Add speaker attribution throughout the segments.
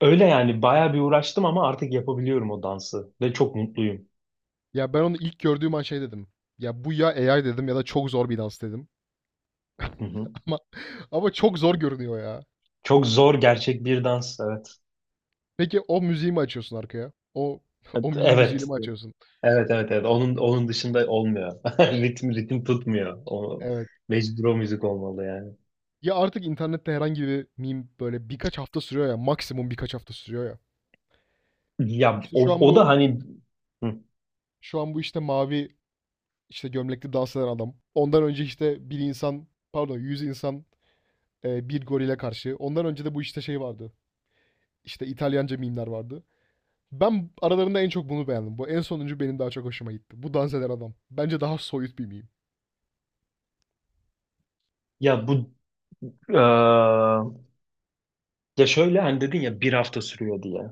Speaker 1: Öyle yani bayağı bir uğraştım ama artık yapabiliyorum o dansı ve çok mutluyum.
Speaker 2: Ya ben onu ilk gördüğüm an şey dedim. Ya bu ya AI dedim ya da çok zor bir dans dedim.
Speaker 1: Hı hı.
Speaker 2: Ama ama çok zor görünüyor ya.
Speaker 1: Çok zor gerçek bir dans evet.
Speaker 2: Peki o müziği mi açıyorsun arkaya? O o meme müziğini
Speaker 1: Evet.
Speaker 2: mi açıyorsun?
Speaker 1: Evet evet evet. Onun dışında olmuyor. Ritim tutmuyor. O
Speaker 2: Evet.
Speaker 1: mecbur o müzik olmalı yani.
Speaker 2: Ya artık internette herhangi bir meme böyle birkaç hafta sürüyor ya. Maksimum birkaç hafta sürüyor ya.
Speaker 1: Ya
Speaker 2: İşte şu
Speaker 1: o,
Speaker 2: an
Speaker 1: o
Speaker 2: bu
Speaker 1: da hani Hı.
Speaker 2: şu an bu işte mavi işte gömlekli dans eden adam. Ondan önce işte bir insan, pardon, yüz insan bir gorile karşı. Ondan önce de bu işte şey vardı. İşte İtalyanca mimler vardı. Ben aralarında en çok bunu beğendim. Bu en sonuncu benim daha çok hoşuma gitti. Bu dans eden adam. Bence daha soyut bir meme.
Speaker 1: ya bu eee, ya şöyle hani dedin ya bir hafta sürüyor diye.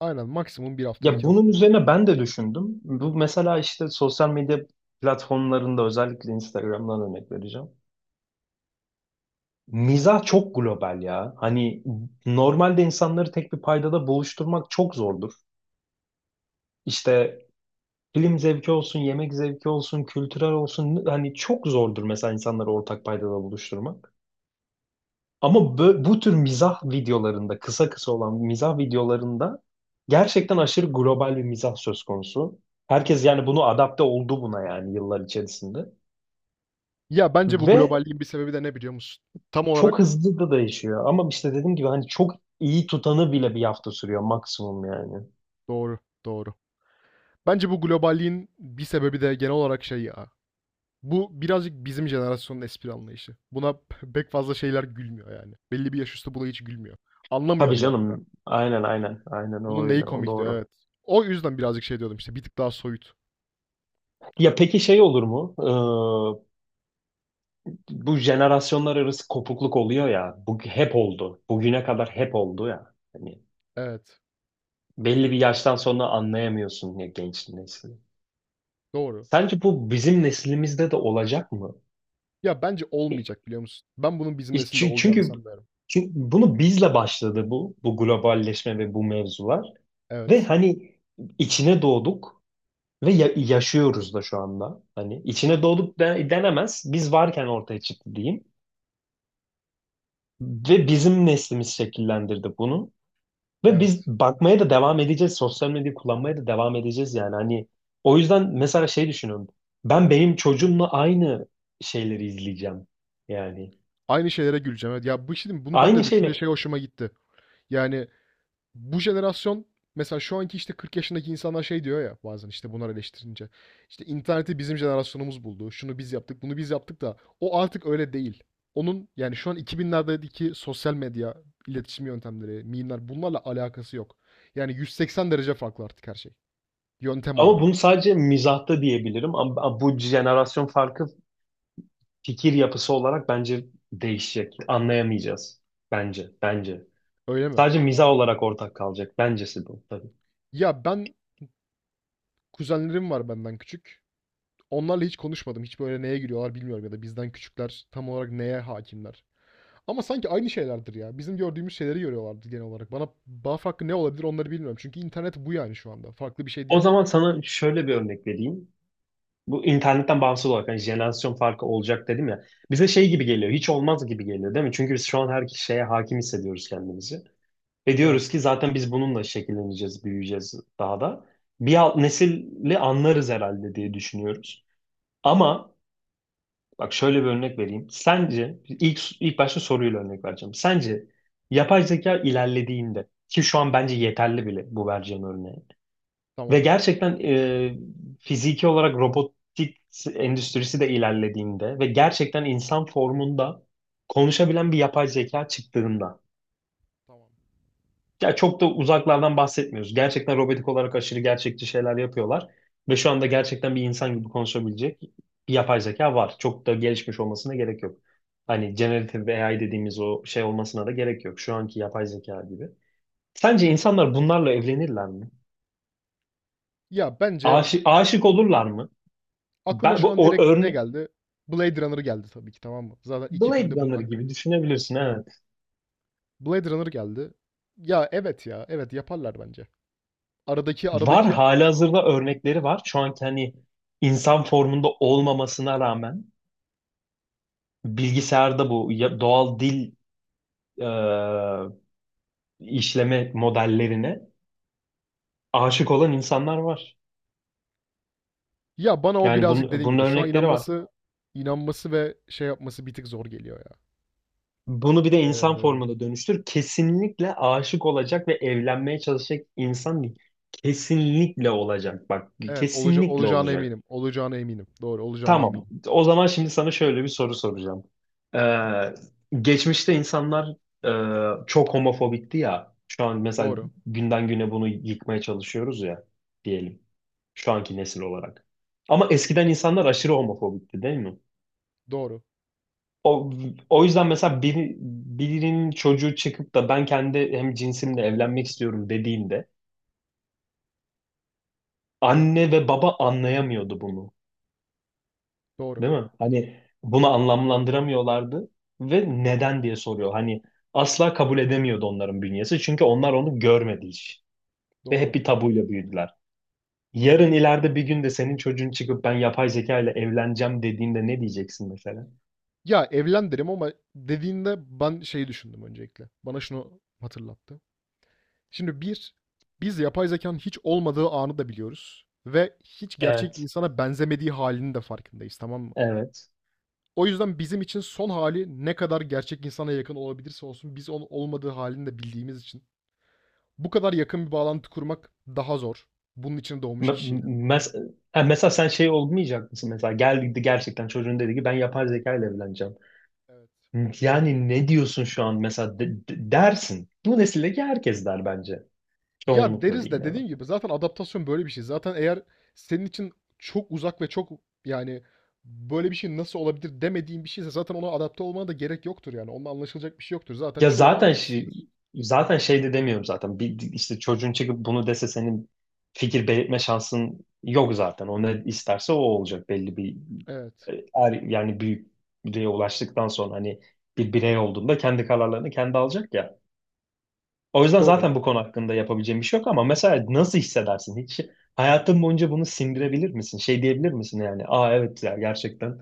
Speaker 2: Aynen, maksimum bir hafta,
Speaker 1: Ya
Speaker 2: iki
Speaker 1: bunun
Speaker 2: hafta.
Speaker 1: üzerine ben de düşündüm. Bu mesela işte sosyal medya platformlarında özellikle Instagram'dan örnek vereceğim. Mizah çok global ya. Hani normalde insanları tek bir paydada buluşturmak çok zordur. İşte film zevki olsun, yemek zevki olsun, kültürel olsun hani çok zordur mesela insanları ortak paydada buluşturmak. Ama bu tür mizah videolarında, kısa kısa olan mizah videolarında gerçekten aşırı global bir mizah söz konusu. Herkes
Speaker 2: Doğru.
Speaker 1: yani bunu adapte oldu buna yani yıllar içerisinde.
Speaker 2: Ya bence bu
Speaker 1: Ve
Speaker 2: globalliğin bir sebebi de ne biliyor musun? Tam
Speaker 1: Çok
Speaker 2: olarak
Speaker 1: hızlı da değişiyor ama işte dediğim gibi hani çok iyi tutanı bile bir hafta sürüyor maksimum yani.
Speaker 2: doğru, doğru. Bence bu globalliğin bir sebebi de genel olarak şey ya. Bu birazcık bizim jenerasyonun espri anlayışı. Buna pek fazla şeyler gülmüyor yani. Belli bir yaş üstü buna hiç gülmüyor. Anlamıyor
Speaker 1: Tabii
Speaker 2: bile hatta.
Speaker 1: canım. Aynen aynen. Aynen o
Speaker 2: Bunun neyi
Speaker 1: öyle. O
Speaker 2: komikti,
Speaker 1: doğru.
Speaker 2: evet. O yüzden birazcık şey diyordum işte, bir tık daha soyut.
Speaker 1: Ya peki şey olur mu? Bu jenerasyonlar arası kopukluk oluyor ya. Bu hep oldu. Bugüne kadar hep oldu ya. Hani
Speaker 2: Evet,
Speaker 1: belli bir yaştan sonra anlayamıyorsun ya genç nesli.
Speaker 2: doğru.
Speaker 1: Sence bu bizim neslimizde de olacak mı?
Speaker 2: Ya, bence olmayacak, biliyor musun? Ben bunun bizim nesilde
Speaker 1: Çünkü,
Speaker 2: olacağını
Speaker 1: çünkü
Speaker 2: sanmıyorum.
Speaker 1: çünkü bunu bizle başladı bu globalleşme ve bu mevzular. Ve
Speaker 2: Evet,
Speaker 1: hani içine doğduk ve yaşıyoruz da şu anda. Hani içine doğduk denemez. Biz varken ortaya çıktı diyeyim. Ve bizim neslimiz şekillendirdi bunu. Ve biz
Speaker 2: evet.
Speaker 1: bakmaya da devam edeceğiz. Sosyal medyayı kullanmaya da devam edeceğiz yani. Hani o yüzden mesela şey düşünüyorum. Ben benim çocuğumla aynı şeyleri izleyeceğim. Yani
Speaker 2: Aynı şeylere güleceğim. Evet. Ya, bu şimdi bunu ben
Speaker 1: aynı
Speaker 2: de düşününce
Speaker 1: şeyle.
Speaker 2: şey hoşuma gitti. Yani bu jenerasyon mesela şu anki işte 40 yaşındaki insanlar şey diyor ya bazen işte bunlar eleştirince. İşte interneti bizim jenerasyonumuz buldu. Şunu biz yaptık, bunu biz yaptık da o artık öyle değil. Onun yani şu an 2000'lerdeki sosyal medya iletişim yöntemleri, mimler, bunlarla alakası yok. Yani 180 derece farklı artık her şey. Yöntem
Speaker 1: Ama bunu
Speaker 2: olarak.
Speaker 1: sadece mizahta diyebilirim. Ama bu jenerasyon farkı fikir yapısı olarak bence değişecek. Anlayamayacağız. Bence.
Speaker 2: Öyle mi?
Speaker 1: Sadece mizah olarak ortak kalacak. Bencesi bu tabii.
Speaker 2: Ya ben, kuzenlerim var benden küçük. Onlarla hiç konuşmadım. Hiç böyle neye giriyorlar bilmiyorum ya da bizden küçükler tam olarak neye hakimler. Ama sanki aynı şeylerdir ya. Bizim gördüğümüz şeyleri görüyorlardı genel olarak. Bana bağ hakkı ne olabilir onları bilmiyorum. Çünkü internet bu yani şu anda. Farklı bir şey
Speaker 1: O
Speaker 2: değil.
Speaker 1: zaman sana şöyle bir örnek vereyim. Bu internetten bağımsız olarak hani jenerasyon farkı olacak dedim ya. Bize şey gibi geliyor. Hiç olmaz gibi geliyor değil mi? Çünkü biz şu an her şeye hakim hissediyoruz kendimizi. Ve diyoruz
Speaker 2: Evet.
Speaker 1: ki zaten biz bununla şekilleneceğiz, büyüyeceğiz daha da. Bir alt nesili anlarız herhalde diye düşünüyoruz. Ama Bak şöyle bir örnek vereyim. Sence ilk başta soruyla örnek vereceğim. Sence yapay zeka ilerlediğinde ki şu an bence yeterli bile bu vereceğim örneği ve
Speaker 2: Tamam.
Speaker 1: gerçekten fiziki olarak robotik endüstrisi de ilerlediğinde ve gerçekten insan formunda konuşabilen bir yapay zeka çıktığında
Speaker 2: Tamam.
Speaker 1: ya çok da uzaklardan bahsetmiyoruz. Gerçekten robotik olarak aşırı gerçekçi şeyler yapıyorlar. Ve şu anda gerçekten bir insan gibi konuşabilecek bir yapay zeka var. Çok da gelişmiş olmasına gerek yok.
Speaker 2: Tamam.
Speaker 1: Hani generative AI dediğimiz o şey olmasına da gerek yok. Şu anki yapay zeka gibi. Sence insanlar bunlarla evlenirler mi?
Speaker 2: Ya bence
Speaker 1: Aşık olurlar mı?
Speaker 2: aklıma
Speaker 1: Ben,
Speaker 2: şu
Speaker 1: bu,
Speaker 2: an
Speaker 1: o
Speaker 2: direkt ne
Speaker 1: örne
Speaker 2: geldi? Blade Runner geldi tabii ki, tamam mı? Zaten iki
Speaker 1: Blade
Speaker 2: filmde bunun
Speaker 1: Runner
Speaker 2: hakkında.
Speaker 1: gibi düşünebilirsin evet.
Speaker 2: Blade Runner geldi. Ya evet ya. Evet, yaparlar bence. Aradaki
Speaker 1: Var
Speaker 2: aradaki
Speaker 1: halihazırda örnekleri var. Şu anki hani insan formunda olmamasına rağmen bilgisayarda bu doğal dil e, işleme modellerine aşık olan insanlar var.
Speaker 2: ya bana o
Speaker 1: Yani
Speaker 2: birazcık
Speaker 1: bun,
Speaker 2: dediğim
Speaker 1: bunun
Speaker 2: gibi şu an
Speaker 1: örnekleri var.
Speaker 2: inanması ve şey yapması bir tık zor geliyor ya.
Speaker 1: Bunu bir de insan
Speaker 2: Ee,
Speaker 1: formuna dönüştür. Kesinlikle aşık olacak ve evlenmeye çalışacak insan değil. Kesinlikle olacak. Bak,
Speaker 2: evet
Speaker 1: kesinlikle
Speaker 2: olacağına
Speaker 1: olacak.
Speaker 2: eminim. Olacağına eminim. Doğru, olacağına
Speaker 1: Tamam.
Speaker 2: eminim.
Speaker 1: O zaman şimdi sana şöyle bir soru soracağım. Geçmişte insanlar çok homofobikti ya. Şu an mesela
Speaker 2: Doğru.
Speaker 1: günden güne bunu yıkmaya çalışıyoruz ya diyelim. Şu anki nesil olarak. Ama
Speaker 2: Evet.
Speaker 1: eskiden insanlar aşırı homofobikti değil mi?
Speaker 2: Doğru.
Speaker 1: O, o yüzden mesela birinin çocuğu çıkıp da ben kendi hem cinsimle evlenmek istiyorum dediğinde anne ve baba anlayamıyordu bunu.
Speaker 2: Doğru.
Speaker 1: Değil mi? Hani bunu anlamlandıramıyorlardı ve neden diye soruyor. Hani asla kabul edemiyordu onların bünyesi. Çünkü onlar onu görmedi hiç. Ve
Speaker 2: Doğru.
Speaker 1: hep bir tabuyla büyüdüler. Yarın ileride bir gün de senin çocuğun çıkıp ben yapay zeka ile evleneceğim dediğinde ne diyeceksin mesela?
Speaker 2: Ya evlen derim ama dediğinde ben şeyi düşündüm öncelikle. Bana şunu hatırlattı. Şimdi bir, biz yapay zekanın hiç olmadığı anı da biliyoruz. Ve hiç gerçek
Speaker 1: Evet.
Speaker 2: insana benzemediği halinin de farkındayız, tamam mı?
Speaker 1: Evet.
Speaker 2: O yüzden bizim için son hali ne kadar gerçek insana yakın olabilirse olsun biz onun olmadığı halini de bildiğimiz için bu kadar yakın bir bağlantı kurmak daha zor. Bunun için doğmuş
Speaker 1: Me-
Speaker 2: kişiyle.
Speaker 1: mes- ha, Mesela sen şey olmayacak mısın? Mesela geldi gerçekten çocuğun dedi ki ben yapay zeka ile evleneceğim.
Speaker 2: Evet.
Speaker 1: Yani ne diyorsun şu an mesela dersin. Bu nesildeki herkes der bence.
Speaker 2: Ya
Speaker 1: Çoğunlukla
Speaker 2: deriz
Speaker 1: diyeyim
Speaker 2: de
Speaker 1: yani.
Speaker 2: dediğim gibi zaten adaptasyon böyle bir şey. Zaten eğer senin için çok uzak ve çok, yani böyle bir şey nasıl olabilir demediğin bir şeyse zaten ona adapte olmana da gerek yoktur yani. Onunla anlaşılacak bir şey yoktur. Zaten
Speaker 1: Ya
Speaker 2: çoğunu
Speaker 1: zaten şey,
Speaker 2: anlamışsındır.
Speaker 1: Zaten şey de demiyorum zaten. Bir, işte çocuğun çıkıp bunu dese senin fikir belirtme şansın yok zaten. O ne isterse o olacak belli bir
Speaker 2: Evet.
Speaker 1: yani büyüklüğe ulaştıktan sonra hani bir birey olduğunda kendi kararlarını kendi alacak ya. O yüzden
Speaker 2: Doğru.
Speaker 1: zaten bu konu hakkında yapabileceğim bir şey yok ama mesela nasıl hissedersin? Hiç hayatın boyunca bunu sindirebilir misin? Şey diyebilir misin yani? Aa evet ya gerçekten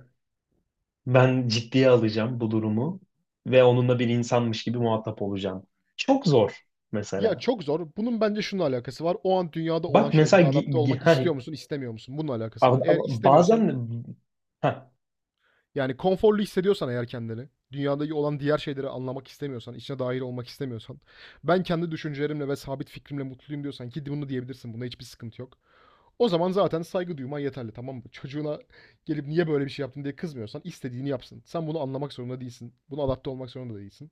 Speaker 1: ben ciddiye alacağım bu durumu ve onunla bir insanmış gibi muhatap olacağım. Çok zor
Speaker 2: Ya
Speaker 1: mesela.
Speaker 2: çok zor. Bunun bence şununla alakası var. O an dünyada
Speaker 1: Bak
Speaker 2: olan
Speaker 1: mesela
Speaker 2: şeylere
Speaker 1: gi-
Speaker 2: adapte
Speaker 1: gi-
Speaker 2: olmak
Speaker 1: ha,
Speaker 2: istiyor musun, istemiyor musun? Bununla alakası var.
Speaker 1: ama-
Speaker 2: Eğer
Speaker 1: ama
Speaker 2: istemiyorsan,
Speaker 1: bazen ha,
Speaker 2: yani konforlu hissediyorsan eğer kendini, dünyadaki olan diğer şeyleri anlamak istemiyorsan, içine dahil olmak istemiyorsan, ben kendi düşüncelerimle ve sabit fikrimle mutluyum diyorsan ki bunu diyebilirsin, bunda hiçbir sıkıntı yok. O zaman zaten saygı duyman yeterli, tamam mı? Çocuğuna gelip niye böyle bir şey yaptın diye kızmıyorsan, istediğini yapsın. Sen bunu anlamak zorunda değilsin. Buna adapte olmak zorunda değilsin.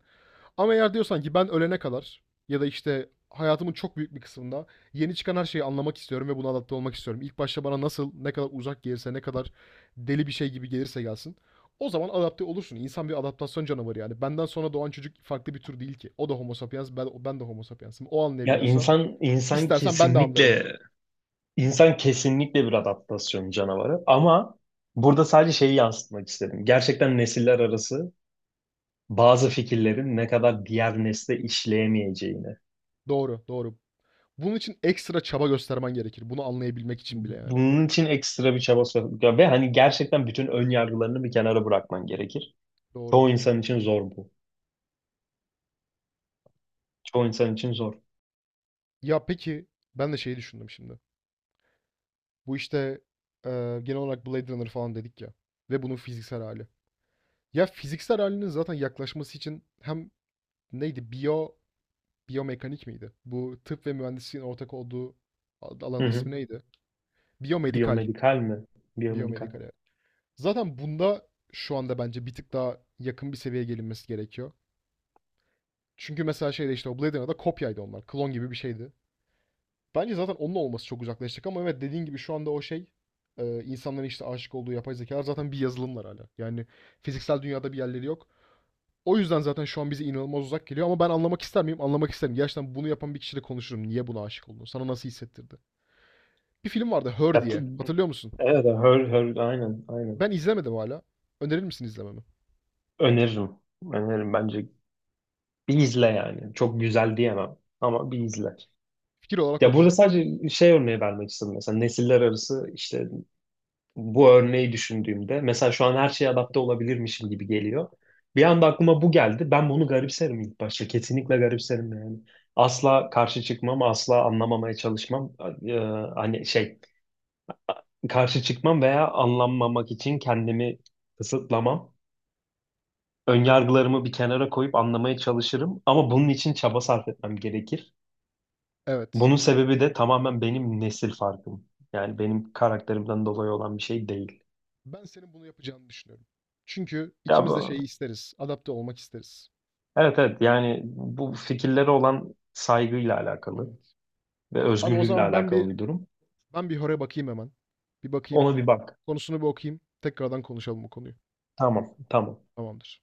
Speaker 2: Ama eğer diyorsan ki ben ölene kadar ya da işte hayatımın çok büyük bir kısmında yeni çıkan her şeyi anlamak istiyorum ve buna adapte olmak istiyorum. İlk başta bana nasıl, ne kadar uzak gelirse, ne kadar deli bir şey gibi gelirse gelsin. O zaman adapte olursun. İnsan bir adaptasyon canavarı yani. Benden sonra doğan çocuk farklı bir tür değil ki. O da homo sapiens, ben de homo sapiensim. O
Speaker 1: ya
Speaker 2: anlayabiliyorsa
Speaker 1: insan insan
Speaker 2: istersen ben de anlarım.
Speaker 1: kesinlikle insan kesinlikle bir adaptasyon canavarı ama burada sadece şeyi yansıtmak istedim. Gerçekten nesiller arası bazı fikirlerin ne kadar diğer nesle işleyemeyeceğini.
Speaker 2: Doğru, doğru. Bunun için ekstra çaba göstermen gerekir. Bunu anlayabilmek için bile yani.
Speaker 1: Bunun için ekstra bir çaba sarf ya ve hani gerçekten bütün ön yargılarını bir kenara bırakman gerekir.
Speaker 2: Doğru.
Speaker 1: Çoğu insan için zor bu. Çoğu insan için zor.
Speaker 2: Ya peki ben de şeyi düşündüm şimdi. Bu işte genel olarak Blade Runner falan dedik ya. Ve bunun fiziksel hali. Ya fiziksel halinin zaten yaklaşması için hem, neydi? Biyo, biyomekanik miydi? Bu tıp ve mühendisliğin ortak olduğu
Speaker 1: Hı
Speaker 2: alanın
Speaker 1: hı.
Speaker 2: ismi neydi? Biyomedikal.
Speaker 1: Biyomedikal mi? Biyomedikal.
Speaker 2: Biyomedikal, evet. Zaten bunda şu anda bence bir tık daha yakın bir seviyeye gelinmesi gerekiyor. Çünkü mesela şeyde işte o Blade Runner'da kopyaydı onlar. Klon gibi bir şeydi. Bence zaten onun olması çok uzaklaştık ama evet dediğin gibi şu anda o şey, insanların işte aşık olduğu yapay zekalar zaten bir yazılımlar hala. Yani fiziksel dünyada bir yerleri yok. O yüzden zaten şu an bize inanılmaz uzak geliyor ama ben anlamak ister miyim? Anlamak isterim. Gerçekten bunu yapan bir kişiyle konuşurum. Niye buna aşık oldun? Sana nasıl hissettirdi? Bir film vardı,
Speaker 1: Ya,
Speaker 2: Her
Speaker 1: t-
Speaker 2: diye. Hatırlıyor musun?
Speaker 1: evet, her, her, aynen, aynen.
Speaker 2: Ben izlemedim hala. Önerir misin izlememi?
Speaker 1: Öneririm. Öneririm bence. Bir izle yani. Çok güzel diyemem ama bir izle.
Speaker 2: Fikir olarak
Speaker 1: Ya
Speaker 2: hoş
Speaker 1: burada
Speaker 2: diyorsun.
Speaker 1: sadece şey örneği vermek istedim mesela nesiller arası işte bu örneği düşündüğümde mesela şu an her şeye adapte olabilirmişim gibi geliyor. Bir anda aklıma bu geldi. Ben bunu garipserim ilk başta. Kesinlikle garipserim yani. Asla karşı çıkmam, asla anlamamaya çalışmam. Ee, Hani şey karşı çıkmam veya anlanmamak için kendimi kısıtlamam. Önyargılarımı bir kenara koyup anlamaya çalışırım ama bunun için çaba sarf etmem gerekir.
Speaker 2: Evet.
Speaker 1: Bunun sebebi de tamamen benim nesil farkım. Yani benim karakterimden dolayı olan bir şey değil.
Speaker 2: Ben senin bunu yapacağını düşünüyorum. Çünkü
Speaker 1: Ya
Speaker 2: ikimiz de
Speaker 1: bu.
Speaker 2: şeyi isteriz. Adapte olmak isteriz.
Speaker 1: Evet yani bu fikirlere olan saygıyla alakalı
Speaker 2: Evet.
Speaker 1: ve
Speaker 2: Abi o
Speaker 1: özgürlükle
Speaker 2: zaman ben
Speaker 1: alakalı
Speaker 2: bir,
Speaker 1: bir durum.
Speaker 2: ben bir horaya bakayım hemen. Bir bakayım.
Speaker 1: Ona bir bak.
Speaker 2: Konusunu bir okuyayım. Tekrardan konuşalım bu konuyu.
Speaker 1: Tamam.
Speaker 2: Tamamdır.